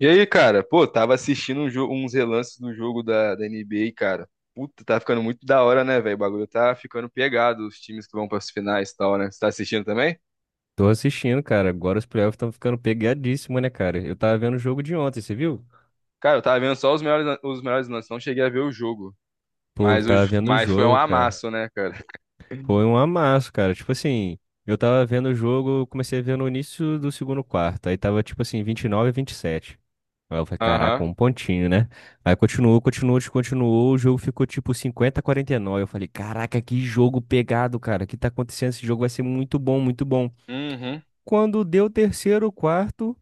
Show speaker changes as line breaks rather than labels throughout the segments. E aí, cara? Pô, tava assistindo uns relances do jogo da NBA, cara. Puta, tá ficando muito da hora, né, velho? O bagulho tá ficando pegado, os times que vão pras finais e tal, né? Você tá assistindo também?
Tô assistindo, cara. Agora os playoffs estão ficando pegadíssimos, né, cara? Eu tava vendo o jogo de ontem, você viu?
Cara, eu tava vendo só os melhores lances, não cheguei a ver o jogo.
Pô, eu
Mas, pô,
tava
os,
vendo o
mas foi um,
jogo,
né,
cara.
amasso, né, cara?
Foi um amasso, cara. Tipo assim, eu tava vendo o jogo, eu comecei a ver no início do segundo quarto. Aí tava, tipo assim, 29, a 27. Aí eu falei,
Aham.
caraca,
Caraca.
um pontinho, né? Aí continuou, continuou, continuou. O jogo ficou tipo 50 a 49. Eu falei, caraca, que jogo pegado, cara. O que tá acontecendo? Esse jogo vai ser muito bom, muito bom.
Uhum.
Quando deu o terceiro quarto,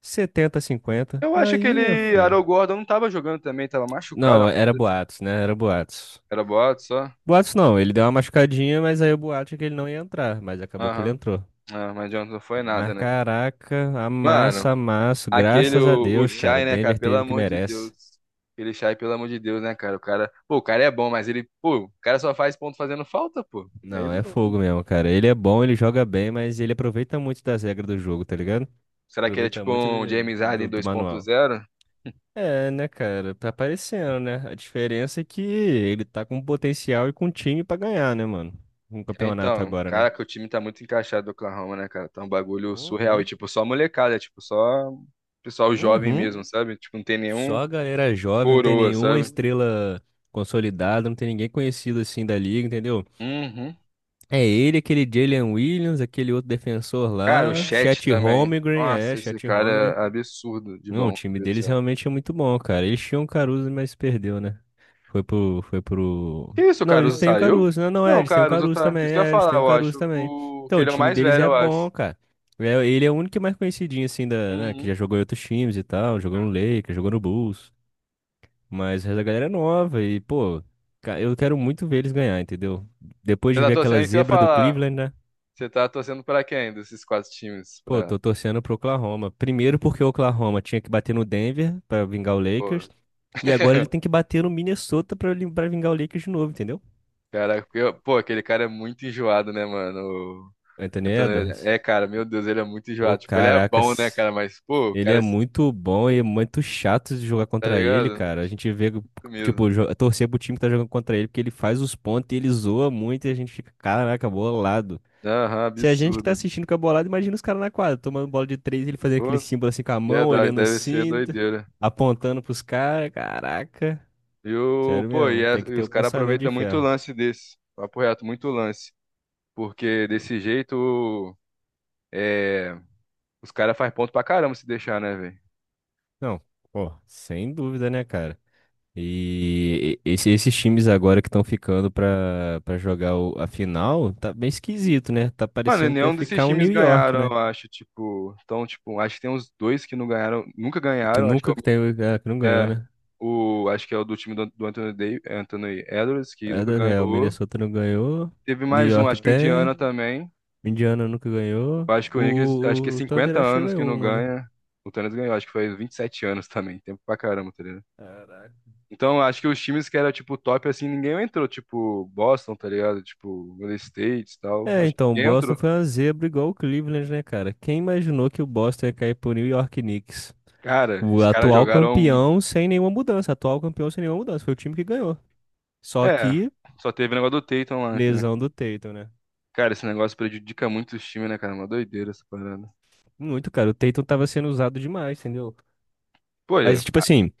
70 a 50.
Eu acho que
Aí, meu
ele, Caramba.
filho.
Arol Gordon não tava jogando também, tava machucado.
Não, era boatos, né? Era boatos.
Era boato só.
Boatos não, ele deu uma machucadinha, mas aí o boato é que ele não ia entrar, mas acabou que ele
Aham.
entrou.
Ah, mas adianta, não foi nada,
Mas
né?
caraca, amassa,
Mano,
amasso.
Aquele,
Graças a
o, o meu
Deus, cara, o
Shai, né, cara?
Denver
Pelo
teve o que
amor de
merece.
Deus. Aquele Shai, pelo amor de Deus, né, cara? O cara, pô, o cara é bom, mas ele, pô, o cara só faz ponto fazendo falta, pô. Aí
Não, é
não.
fogo mesmo, cara. Ele é bom, ele joga bem, mas ele aproveita muito das regras do jogo, tá ligado?
Será que ele é
Aproveita
tipo
muito
um
do,
James Harden
do, do manual.
2.0?
É, né, cara? Tá aparecendo, né? A diferença é que ele tá com potencial e com time pra ganhar, né, mano? Um
É,
campeonato
então,
agora,
cara,
né?
que o time tá muito encaixado do Oklahoma, né, cara? Tá um bagulho surreal.
Uhum.
E, tipo, só molecada, é, tipo, só pessoal jovem
Uhum.
mesmo, uhum, sabe? Tipo, não tem
Só
nenhum
a galera jovem, não tem
coroa,
nenhuma
sabe?
estrela consolidada, não tem ninguém conhecido assim da liga, entendeu?
Uhum. Uhum.
É ele, aquele Jalen Williams, aquele outro defensor
Cara, o
lá,
caraca,
Chet
também.
Holmgren, é,
Nossa, esse
Chet
cara
Holmgren.
é absurdo de
Não, o
bom.
time deles realmente é muito bom, cara. Eles tinham o Caruso, mas perdeu, né? Foi pro...
Que isso, o
Não, eles
Caruso
têm o
saiu?
Caruso, não, não é,
Não, o
eles têm o
Caruso
Caruso
tá.
também,
Isso que eu ia
é, eles
falar,
têm o
eu
Caruso
acho.
também. Então,
Que
o
ele é o
time
mais
deles
velho,
é
eu
bom,
acho.
cara. É, ele é o único que é mais conhecidinho, assim, da, né, que já
Uhum.
jogou em outros times e tal, jogou no Lakers, jogou no Bulls. Mas a galera é nova e, pô, eu quero muito ver eles ganhar, entendeu? Depois
Você
de
tá
ver
torcendo,
aquela
é isso que eu ia
zebra do
falar.
Cleveland, né?
Você tá torcendo pra quem desses quatro times?
Pô, tô torcendo pro Oklahoma. Primeiro porque o Oklahoma tinha que bater no Denver pra vingar o
Pô,
Lakers. E agora ele tem que bater no Minnesota pra vingar o Lakers de novo, entendeu?
cara, pô, aquele cara é muito enjoado, né, mano? O
Anthony Edwards.
É, cara, meu Deus, ele é muito
Pô,
enjoado. Tipo, ele é bom, né,
caracas.
cara? Mas, pô, o
Ele
cara,
é muito bom e é muito chato de jogar
tá
contra ele,
ligado?
cara. A gente vê,
Isso
tipo,
mesmo.
torcer pro time que tá jogando contra ele, porque ele faz os pontos e ele zoa muito e a gente fica, caraca, bolado.
Aham,
Se a gente que tá
absurdo.
assistindo com a bolada, imagina os caras na quadra, tomando bola de três, ele fazendo aquele
Pô,
símbolo assim com a mão,
verdade,
olhando
deve ser
assim,
doideira.
apontando pros caras. Caraca,
E o,
sério
pô,
mesmo,
e, a-
tem que
e
ter
os
o
caras
pensamento de
aproveitam muito o
ferro.
lance desse. Papo reto, muito lance. Porque
N-
desse jeito, é, os caras fazem ponto pra caramba se deixar, né, velho?
Não, pô, sem dúvida, né, cara? Esses times agora que estão ficando pra jogar a final, tá bem esquisito, né? Tá
Mano,
parecendo que vai
nenhum desses
ficar um
times
New York,
ganharam,
né?
eu acho, tipo. Então, tipo, acho que tem uns dois que não ganharam, nunca
Que
ganharam, acho que
nunca que tem, que não
o,
ganhou,
é,
né?
acho que é o do time do Anthony Davis, Anthony Edwards, que
É,
nunca
o
ganhou.
Minnesota não ganhou,
Teve
New
mais um,
York
acho que o
tem.
Indiana também.
Indiana nunca ganhou.
Eu acho que o Knicks, acho que é
O Thunder
50
acho que já
anos que
ganhou
não
uma, né?
ganha. O Tênis ganhou, acho que foi 27 anos também, tempo pra caramba, tá ligado?
Caraca.
Então, acho que os times que era, tipo, top, assim, ninguém entrou. Tipo, Boston, tá ligado? Tipo, Golden State e tal.
É,
Acho que
então, o
ninguém
Boston foi
entrou.
uma zebra igual o Cleveland, né, cara? Quem imaginou que o Boston ia cair pro New York Knicks?
Cara,
O
os caras
atual
jogaram.
campeão sem nenhuma mudança. Atual campeão sem nenhuma mudança. Foi o time que ganhou. Só
É,
que,
só teve o negócio do Tatum lá, né?
lesão do Tatum, né?
Cara, esse negócio prejudica muito os times, né, cara? Uma doideira essa parada.
Muito, cara. O Tatum tava sendo usado demais, entendeu?
Pô, é.
Mas, tipo assim,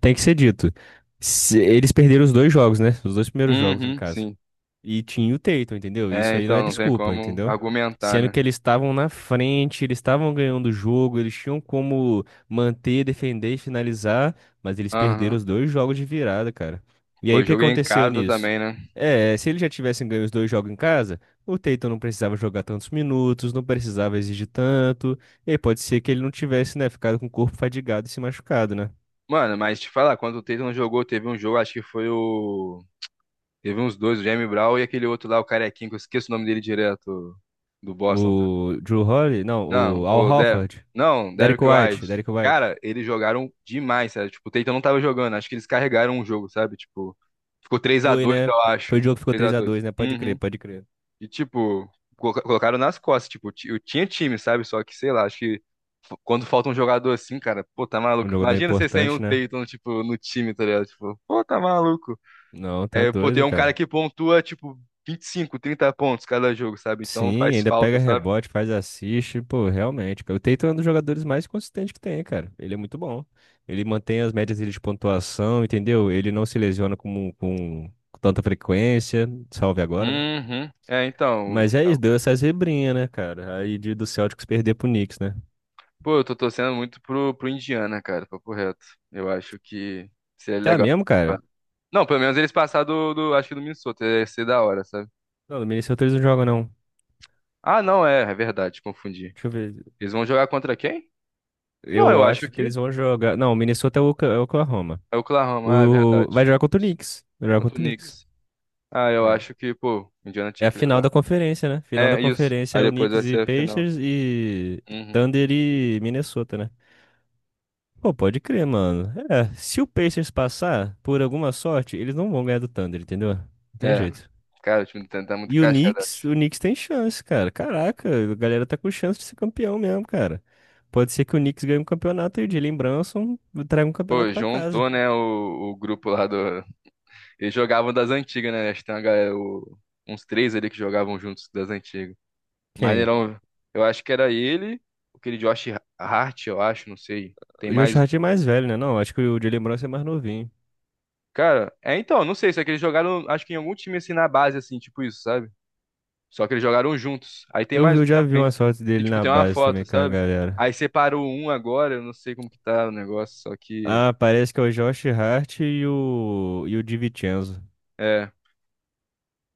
tem que ser dito. Eles perderam os dois jogos, né? Os dois primeiros jogos em
Uhum,
casa.
sim.
E tinha o Tatum, entendeu? Isso
É,
aí não é
então, não tem
desculpa,
como
entendeu?
argumentar,
Sendo
né?
que eles estavam na frente, eles estavam ganhando o jogo, eles tinham como manter, defender e finalizar, mas eles perderam
Aham.
os dois jogos de virada, cara. E aí
Pô,
o que
joguei em
aconteceu
casa
nisso?
também, né?
É, se eles já tivessem ganho os dois jogos em casa, o Tatum não precisava jogar tantos minutos, não precisava exigir tanto, e aí pode ser que ele não tivesse, né, ficado com o corpo fadigado e se machucado, né?
Mano, mas te falar, quando o Tatum jogou, teve um jogo, acho que foi. Teve uns dois, o Jamie Brown e aquele outro lá, o carequinho, que eu esqueço o nome dele direto do Boston.
O Drew Holiday, não,
Não,
o Al
o Não, Der... não.
Horford,
Não,
Derrick
Derrick White.
White, Derrick White.
Cara, eles jogaram demais, sério. Tipo, o Tatum não tava jogando. Acho que eles carregaram o jogo, sabe? Tipo, ficou três a
Foi,
dois,
né?
eu acho.
Foi o jogo que
Ficou
ficou três a
3x2.
dois, né? Pode crer,
Uhum.
pode crer.
E, tipo, colocaram nas costas. Tipo, eu tinha time, sabe? Só que, sei lá, acho que quando falta um jogador assim, cara, pô, tá
Um
maluco.
jogo não é
Imagina você sem um
importante, né?
Tatum, tipo, no time, tá ligado? Tipo, pô, tá maluco.
Não, tá
É, pô, tem
doido,
um cara
cara.
que pontua, tipo, 25, 30 pontos cada jogo, sabe? Então
Sim,
faz
ainda
falta,
pega
sabe?
rebote, faz assist, pô, realmente, cara. O Tatum é um dos jogadores mais consistentes que tem, cara. Ele é muito bom. Ele mantém as médias dele de pontuação, entendeu? Ele não se lesiona com tanta frequência, salve agora, né?
Uhum. É, então.
Mas é isso, deu essa zebrinha, né, cara? Aí do Celtics perder pro Knicks, né?
Pô, eu tô torcendo muito pro Indiana, cara, papo reto. Eu acho que seria
Tá
legal.
mesmo, cara?
Não, pelo menos eles passar acho que do Minnesota, ia ser da hora, sabe?
Não, no Minnesota eles não jogam, não.
Ah, não, é verdade, confundi.
Deixa eu ver.
Eles vão jogar contra quem? Não,
Eu
eu acho
acho que
que
eles vão jogar. Não, o Minnesota é o Oklahoma.
é o Oklahoma, ah, é
O... Vai
verdade.
jogar contra o Knicks. Vai jogar
Contra o
contra o Knicks.
Knicks. Ah, eu
É.
acho que, pô, o Indiana
É
tinha
a
que
final
levar.
da conferência, né? Final da
É, isso.
conferência
Aí
é o
depois vai
Knicks e
ser a final.
Pacers e
Uhum.
Thunder e Minnesota, né? Pô, pode crer, mano. É, se o Pacers passar, por alguma sorte, eles não vão ganhar do Thunder, entendeu? Não tem
É.
jeito.
Cara, o time do Tenta tá muito
E
encaixado, acho.
O Knicks tem chance, cara. Caraca, a galera tá com chance de ser campeão mesmo, cara. Pode ser que o Knicks ganhe um campeonato e o Jalen Brunson traga um campeonato
Pô,
pra casa.
juntou, né, o grupo lá eles jogavam das antigas, né? Acho que tem uma galera, uns três ali que jogavam juntos das antigas.
Quem?
Maneirão, eu acho que era ele, aquele Josh Hart, eu acho, não sei. Tem
O Josh
mais.
Hart é mais velho, né? Não, acho que o Jalen Brunson é mais novinho.
Cara, é então, não sei, se é que eles jogaram, acho que em algum time assim na base, assim, tipo isso, sabe? Só que eles jogaram juntos. Aí tem
Eu vi,
mais um
eu já vi
também.
umas fotos
E,
dele
tipo,
na
tem uma
base também
foto,
com a
sabe?
galera.
Aí separou um agora, eu não sei como que tá o negócio. só que.
Ah, parece que é o Josh Hart e o DiVincenzo.
é.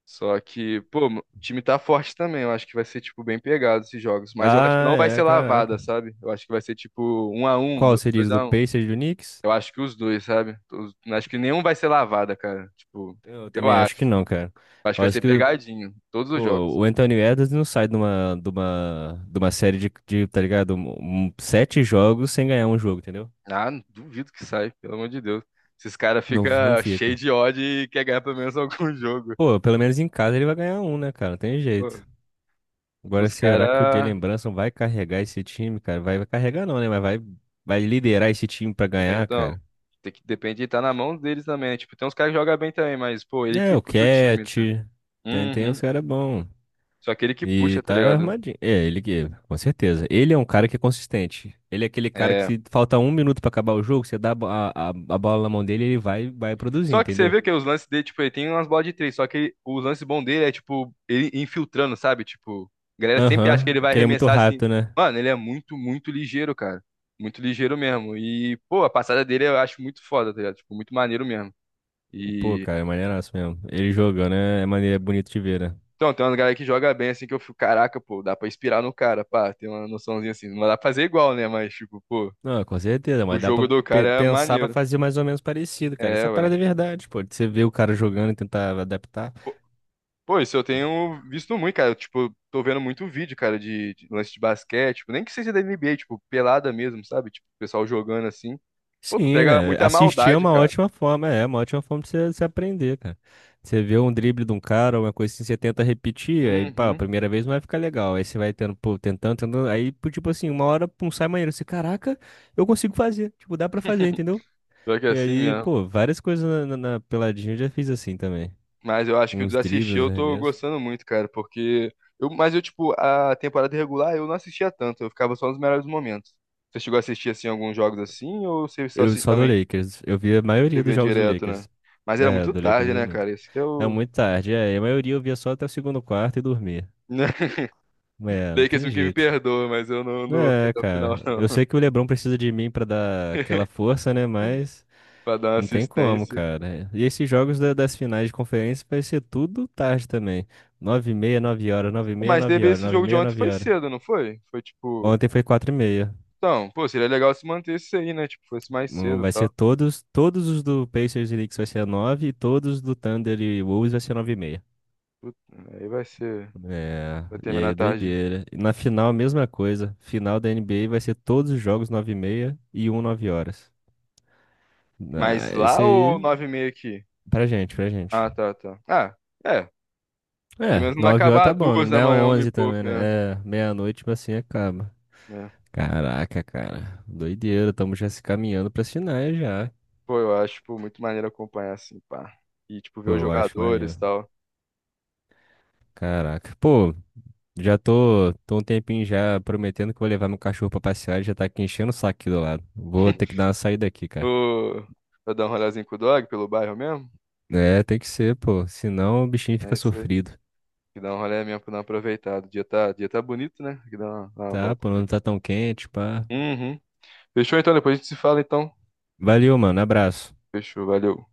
Só que, pô, o time tá forte também. Eu acho que vai ser, tipo, bem pegado esses jogos. Mas eu acho que
Ah,
não vai ser
é,
lavada,
caraca.
sabe? Eu acho que vai ser, tipo, 1-1,
Qual você
dois
diz, do
a um.
Pacers e do Knicks?
Eu acho que os dois, sabe? Acho que nenhum vai ser lavada, cara. Tipo,
Eu
eu
também acho
acho.
que não, cara.
Acho
Eu
que vai
acho
ser
que
pegadinho. Todos os
pô,
jogos.
o Anthony Edwards não sai de uma série tá ligado? Sete jogos sem ganhar um jogo, entendeu?
Ah, duvido que sai, pelo amor de Deus. Esses caras
Não,
ficam
não
cheios
fica.
de ódio e quer ganhar pelo menos algum jogo.
Pô, pelo menos em casa ele vai ganhar um, né, cara? Não tem
Pô,
jeito. Agora,
os
será que o
caras.
Jalen Brunson vai carregar esse time, cara? Vai carregar não, né? Mas vai liderar esse time pra
É,
ganhar,
então.
cara.
Tem que, depende de estar na mão deles também, né? Tipo, tem uns caras que jogam bem também, mas, pô, ele
É,
que
o
puxa o time.
Cat,
Tá
tem
Uhum.
uns caras bons.
Só aquele que
E
puxa, tá
tá
ligado? Então,
armadinho. É, ele que, com certeza. Ele é um cara que é consistente. Ele é aquele cara que
é.
se falta um minuto pra acabar o jogo, você dá a, bo- a bola na mão dele, ele vai produzir,
Só que você
entendeu?
vê que os lances dele, tipo, ele tem umas bolas de três, só que os lances bons dele é, tipo, ele infiltrando, sabe? Tipo, a galera sempre acha que
Aham,
ele vai
que ele é muito
arremessar assim.
rápido, né?
Mano, ele é muito, muito ligeiro, cara. Muito ligeiro mesmo. E, pô, a passada dele eu acho muito foda, tá ligado? Tipo, muito maneiro mesmo.
Pô,
E.
cara, é maneiraço mesmo. Ele jogando né é maneira é bonito de ver, né?
Então, tem uma galera que joga bem assim que eu fico, caraca, pô, dá pra inspirar no cara, pá, tem uma noçãozinha assim. Não dá pra fazer igual, né? Mas, tipo, pô,
Não, com certeza,
o
mas dá
jogo
pra
do cara é,
pensar pra
maneiro.
fazer mais ou menos parecido, cara.
É,
Essa
ué.
parada é verdade, pô. De Você vê o cara jogando e tentar adaptar.
Pô, isso eu tenho visto muito, cara. Eu, tipo, tô vendo muito vídeo, cara, de lance de basquete, tipo, nem que seja da NBA, tipo, pelada mesmo, sabe? Tipo, o pessoal jogando assim. Pô, tu
Sim,
pega
né?
muita
Assistir é
maldade,
uma
cara.
ótima forma, é uma ótima forma de você aprender, cara. Você vê um drible de um cara, uma coisa assim, você tenta repetir, aí, pá, a
Uhum.
primeira vez não vai ficar legal. Aí você vai tendo, pô, tentando, tentando. Aí, pô, tipo assim, uma hora, pum, sai maneiro. Você, caraca, eu consigo fazer. Tipo, dá pra fazer, entendeu?
Pior que é
E
assim
aí,
mesmo.
pô, várias coisas na peladinha eu já fiz assim também.
Mas eu acho que o de
Uns
assistir
dribles, uns
eu tô
arremessos.
gostando muito, cara, porque eu tipo, a temporada regular eu não assistia tanto, eu ficava só nos melhores momentos. Você chegou a assistir assim alguns jogos assim ou você só
Eu
se
só do
também
Lakers. Eu vi a maioria dos
TV
jogos do
direto, né?
Lakers.
Mas era
É,
muito
do Lakers
tarde,
eu vi
né,
muito.
cara? Esse que é
É
o
muito tarde, é. E a maioria eu via só até o segundo quarto e dormia. É, não
Lakers
tem
que me
jeito.
perdoa, mas eu não vou ficar
É,
até o final,
cara. Eu
não,
sei que o LeBron precisa de mim pra dar aquela força, né? Mas
pra dar uma
não tem como,
assistência.
cara. E esses jogos das finais de conferência vai ser tudo tarde também. 9h30, 9 horas, 9h30,
Mas
nove
teve
horas,
esse
nove e
jogo de
meia,
ontem,
nove
foi
horas.
cedo, não foi? Foi tipo.
Ontem foi 4h30.
Então, pô, seria legal se mantesse aí, né? Tipo, fosse mais cedo e
Vai ser
tal.
todos, os do Pacers e Knicks vai ser nove e todos do Thunder e Wolves vai ser 9h30.
Puta, aí vai ser.
É,
Vai
e aí
terminar
é
tarde.
doideira. E na final, a mesma coisa. Final da NBA vai ser todos os jogos 9h30 e um 9 horas.
Mas
É,
lá
esse
ou
aí,
9:30 aqui?
pra gente, pra gente.
Ah, tá, tá. Ah, é. Pelo
É,
menos não vai
9 horas
acabar
tá
às
bom,
duas da
né é
manhã, uma e
11
pouco,
também,
né?
né? É, meia-noite, mas assim acaba.
É.
Caraca, cara. Doideira, estamos já se caminhando pras finais já.
Pô, eu acho, pô, muito maneiro acompanhar assim, pá. E, tipo, ver
Pô,
os
eu acho
jogadores
maneiro.
e tal.
Caraca. Pô, já tô um tempinho já prometendo que vou levar meu cachorro pra passear, ele já tá aqui enchendo o saco aqui do lado. Vou ter que dar uma saída aqui, cara.
Ô, pra dar um rolezinho com o dog pelo bairro mesmo?
É, tem que ser, pô. Senão o bichinho
É
fica
isso
sofrido.
que dá um rolê mesmo pra dar uma aproveitada. O dia tá bonito, né? Que dá uma
Tá?
volta.
Pô, não tá tão quente, pá.
Uhum. Fechou então, depois a gente se fala então.
Valeu, mano. Abraço.
Fechou, valeu.